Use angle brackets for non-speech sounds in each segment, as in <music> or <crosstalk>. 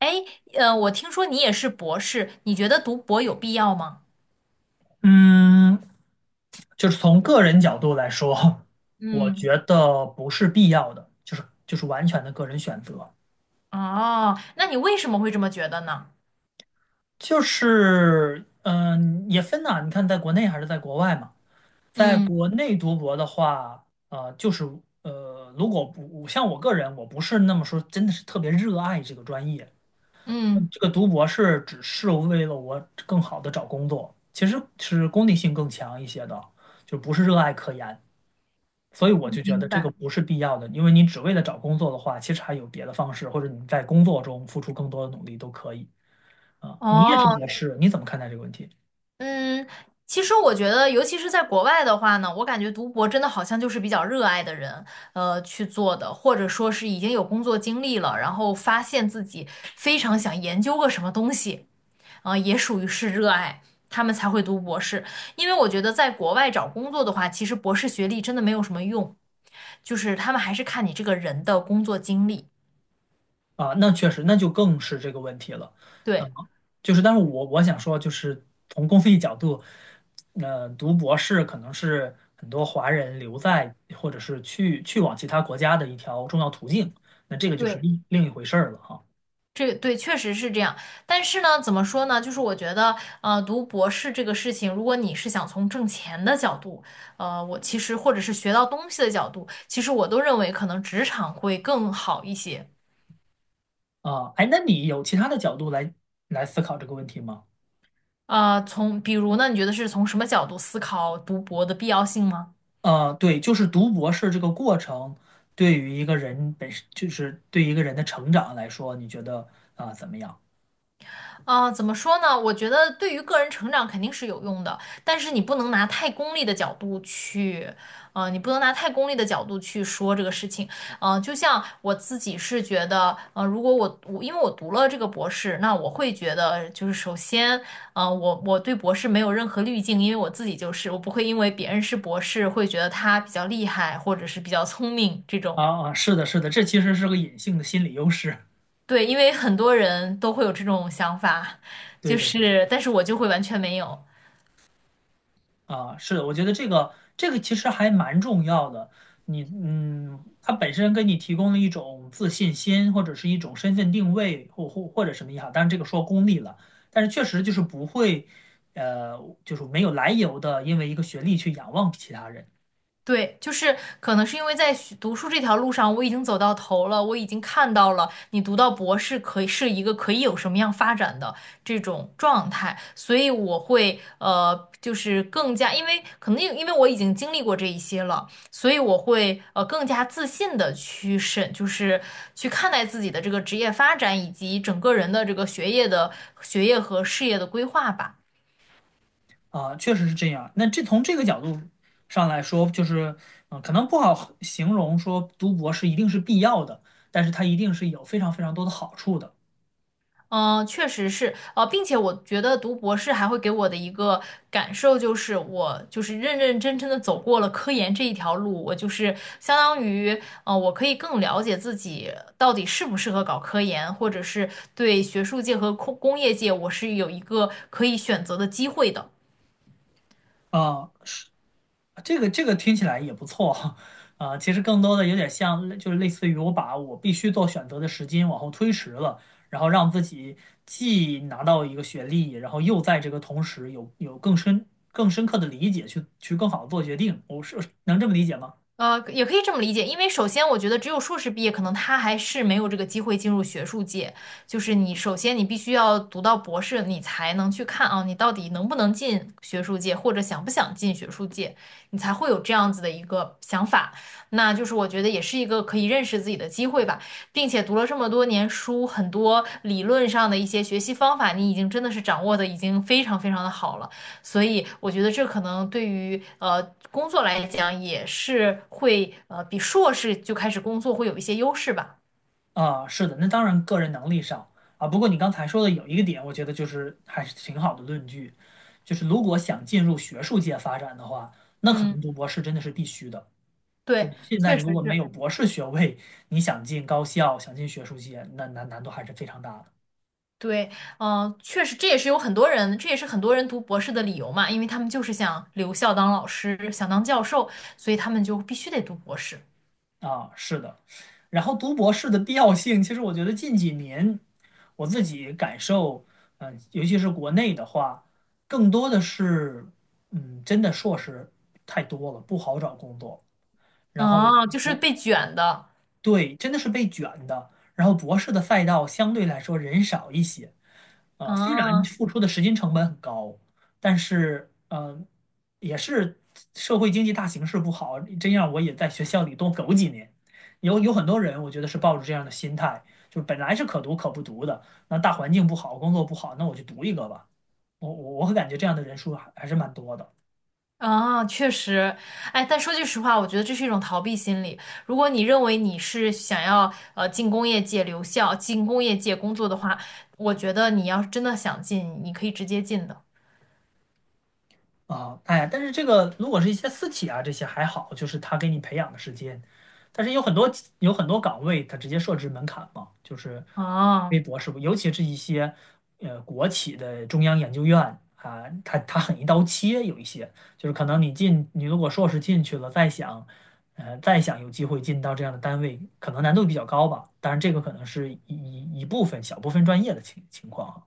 哎，我听说你也是博士，你觉得读博有必要吗？嗯，就是从个人角度来说，我嗯，觉得不是必要的，就是完全的个人选择。哦，那你为什么会这么觉得呢？就是也分呐、你看在国内还是在国外嘛。在嗯国内读博的话，就是如果不像我个人，我不是那么说，真的是特别热爱这个专业。嗯，这个读博是只是为了我更好的找工作，其实是功利性更强一些的，就不是热爱科研。所以我就觉明得这白。个不是必要的，因为你只为了找工作的话，其实还有别的方式，或者你在工作中付出更多的努力都可以啊。你也是哦，博士，你怎么看待这个问题嗯，其实我觉得，尤其是在国外的话呢，我感觉读博真的好像就是比较热爱的人，去做的，或者说是已经有工作经历了，然后发现自己非常想研究个什么东西。也属于是热爱，他们才会读博士。因为我觉得在国外找工作的话，其实博士学历真的没有什么用，就是他们还是看你这个人的工作经历。啊？那确实，那就更是这个问题了。嗯，对。就是，但是我想说，就是从公益角度，读博士可能是很多华人留在或者是去往其他国家的一条重要途径，那这个就是对，另一回事儿了哈。这对确实是这样，但是呢，怎么说呢？就是我觉得，读博士这个事情，如果你是想从挣钱的角度，我其实或者是学到东西的角度，其实我都认为可能职场会更好一些。啊，哎，那你有其他的角度来思考这个问题吗？从比如呢，你觉得是从什么角度思考读博的必要性吗？对，就是读博士这个过程，对于一个人本身，就是对一个人的成长来说，你觉得啊、怎么样？啊，怎么说呢？我觉得对于个人成长肯定是有用的，但是你不能拿太功利的角度去，你不能拿太功利的角度去说这个事情。就像我自己是觉得，如果我因为我读了这个博士，那我会觉得就是首先，我对博士没有任何滤镜，因为我自己就是，我不会因为别人是博士会觉得他比较厉害或者是比较聪明这种。啊啊，是的，是的，这其实是个隐性的心理优势。<laughs> 对，因为很多人都会有这种想法，对就的，对的是，但是我就会完全没有。啊，是的，我觉得这个其实还蛮重要的。你它本身给你提供了一种自信心，或者是一种身份定位，或者什么也好。当然，这个说功利了，但是确实就是不会，呃，就是没有来由的，因为一个学历去仰望其他人。对，就是可能是因为在学读书这条路上，我已经走到头了，我已经看到了你读到博士可以是一个可以有什么样发展的这种状态，所以我会就是更加，因为可能因为我已经经历过这一些了，所以我会更加自信的去审，就是去看待自己的这个职业发展以及整个人的这个学业和事业的规划吧。啊，确实是这样。那这从这个角度上来说，就是，可能不好形容说读博士一定是必要的，但是它一定是有非常非常多的好处的。嗯，确实是，并且我觉得读博士还会给我的一个感受就是，我就是认认真真的走过了科研这一条路，我就是相当于，我可以更了解自己到底适不适合搞科研，或者是对学术界和工业界，我是有一个可以选择的机会的。啊，是这个听起来也不错哈。啊，其实更多的有点像，就是类似于我把我必须做选择的时间往后推迟了，然后让自己既拿到一个学历，然后又在这个同时有更深刻的理解去更好的做决定。我是能这么理解吗？也可以这么理解，因为首先我觉得只有硕士毕业，可能他还是没有这个机会进入学术界。就是你首先你必须要读到博士，你才能去看啊，你到底能不能进学术界，或者想不想进学术界，你才会有这样子的一个想法。那就是我觉得也是一个可以认识自己的机会吧，并且读了这么多年书，很多理论上的一些学习方法，你已经真的是掌握的已经非常非常的好了。所以我觉得这可能对于工作来讲也是会比硕士就开始工作会有一些优势吧。啊，是的，那当然个人能力上啊。不过你刚才说的有一个点，我觉得就是还是挺好的论据，就是如果想进入学术界发展的话，那可嗯能读博士真的是必须的。就对，是现在确实如果没是。有博士学位，你想进高校、想进学术界，那难度还是非常大的。对，嗯、确实，这也是有很多人，这也是很多人读博士的理由嘛，因为他们就是想留校当老师，想当教授，所以他们就必须得读博士。啊，是的。然后读博士的必要性，其实我觉得近几年我自己感受，尤其是国内的话，更多的是，真的硕士太多了，不好找工作。然后啊，就是被卷的。对，真的是被卷的。然后博士的赛道相对来说人少一些，虽然啊付出的时间成本很高，但是也是社会经济大形势不好，这样我也在学校里多苟几年。有很多人，我觉得是抱着这样的心态，就是本来是可读可不读的，那大环境不好，工作不好，那我就读一个吧。我感觉这样的人数还是蛮多的。啊，确实，哎，但说句实话，我觉得这是一种逃避心理。如果你认为你是想要进工业界留校、进工业界工作的话，我觉得你要是真的想进，你可以直接进的。啊，哎但是这个如果是一些私企啊，这些还好，就是他给你培养的时间，但是有很多岗位，他直接设置门槛嘛，就是微啊，博是不，尤其是一些国企的中央研究院啊，他很一刀切，有一些就是可能你进，你如果硕士进去了，再想再想有机会进到这样的单位，可能难度比较高吧，当然这个可能是一部分小部分专业的情况。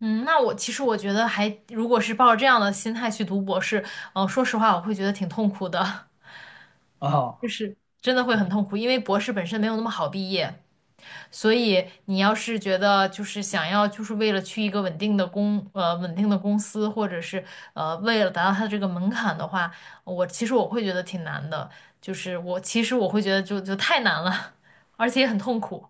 嗯，那我其实我觉得还，如果是抱着这样的心态去读博士，嗯，说实话，我会觉得挺痛苦的，啊 <laughs> 就啊是真的会很痛苦，因为博士本身没有那么好毕业。所以你要是觉得就是想要就是为了去一个稳定的稳定的公司，或者是为了达到它这个门槛的话，我其实我会觉得挺难的，就是我其实我会觉得就太难了，<laughs> 而且也很痛苦。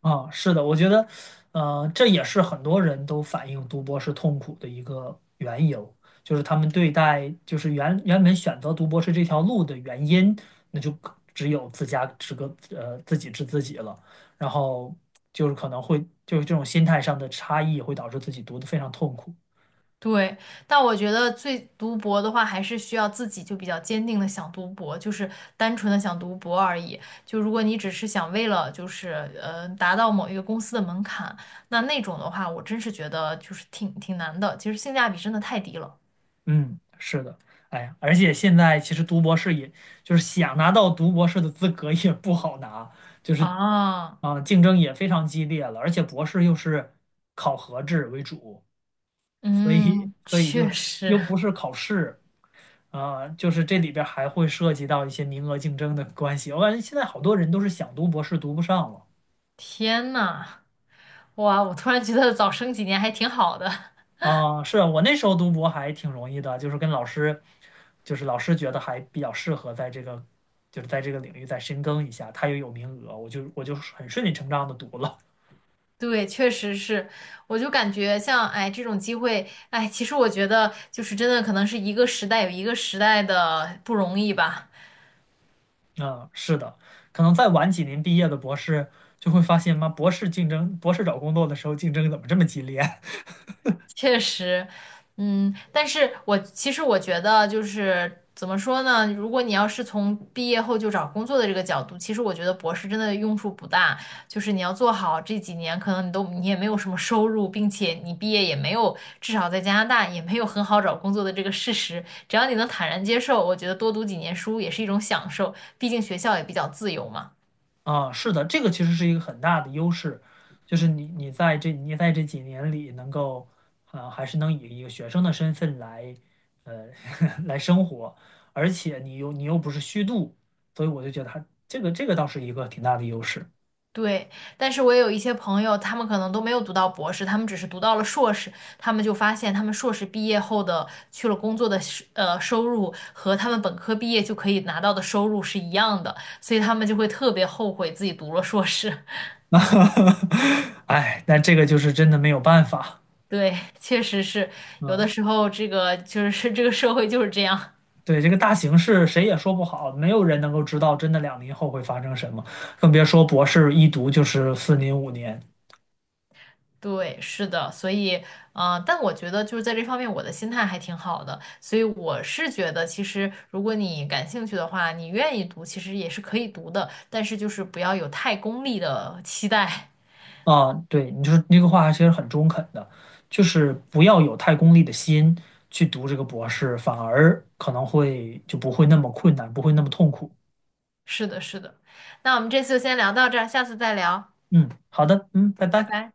啊，是的，我觉得，这也是很多人都反映读博是痛苦的一个缘由，就是他们对待，就是原本选择读博士这条路的原因，那就可只有自己知自己了，然后就是可能会就是这种心态上的差异会导致自己读的非常痛苦。对，但我觉得最读博的话，还是需要自己就比较坚定的想读博，就是单纯的想读博而已。就如果你只是想为了就是达到某一个公司的门槛，那种的话，我真是觉得就是挺难的。其实性价比真的太低了嗯，是的，哎呀，而且现在其实读博士也，就是想拿到读博士的资格也不好拿，就是啊。啊，竞争也非常激烈了，而且博士又是考核制为主，所以嗯，所以就确是实，又不是考试，啊，就是这里边儿还会涉及到一些名额竞争的关系。我感觉现在好多人都是想读博士读不上了。天呐，哇，我突然觉得早生几年还挺好的。<laughs> 啊，是我那时候读博还挺容易的，就是跟老师，就是老师觉得还比较适合在这个，就是在这个领域再深耕一下，他也有名额，我就很顺理成章的读了。对，确实是，我就感觉像哎这种机会，哎，其实我觉得就是真的可能是一个时代有一个时代的不容易吧。嗯，是的，可能再晚几年毕业的博士就会发现，妈，博士竞争，博士找工作的时候竞争怎么这么激烈？确实，嗯，但是我其实我觉得就是怎么说呢？如果你要是从毕业后就找工作的这个角度，其实我觉得博士真的用处不大。就是你要做好这几年，可能你也没有什么收入，并且你毕业也没有，至少在加拿大也没有很好找工作的这个事实。只要你能坦然接受，我觉得多读几年书也是一种享受，毕竟学校也比较自由嘛。啊，是的，这个其实是一个很大的优势，就是你在这几年里能够，啊，还是能以一个学生的身份来，呃，<laughs> 来生活，而且你又不是虚度，所以我就觉得他这个倒是一个挺大的优势。对，但是我也有一些朋友，他们可能都没有读到博士，他们只是读到了硕士，他们就发现他们硕士毕业后的去了工作的是收入和他们本科毕业就可以拿到的收入是一样的，所以他们就会特别后悔自己读了硕士。<laughs> <laughs> 哎，但这个就是真的没有办法。对，确实是，有的嗯，时候这个就是这个社会就是这样。对，这个大形势谁也说不好，没有人能够知道真的2年后会发生什么，更别说博士一读就是4年5年。对，是的，所以，但我觉得就是在这方面，我的心态还挺好的，所以我是觉得，其实如果你感兴趣的话，你愿意读，其实也是可以读的，但是就是不要有太功利的期待。啊，对，你就是那个话其实很中肯的，就是不要有太功利的心去读这个博士，反而可能会就不会那么困难，不会那么痛苦。<laughs> 是的，是的。那我们这次就先聊到这儿，下次再聊，嗯，好的，嗯，拜拜拜。拜。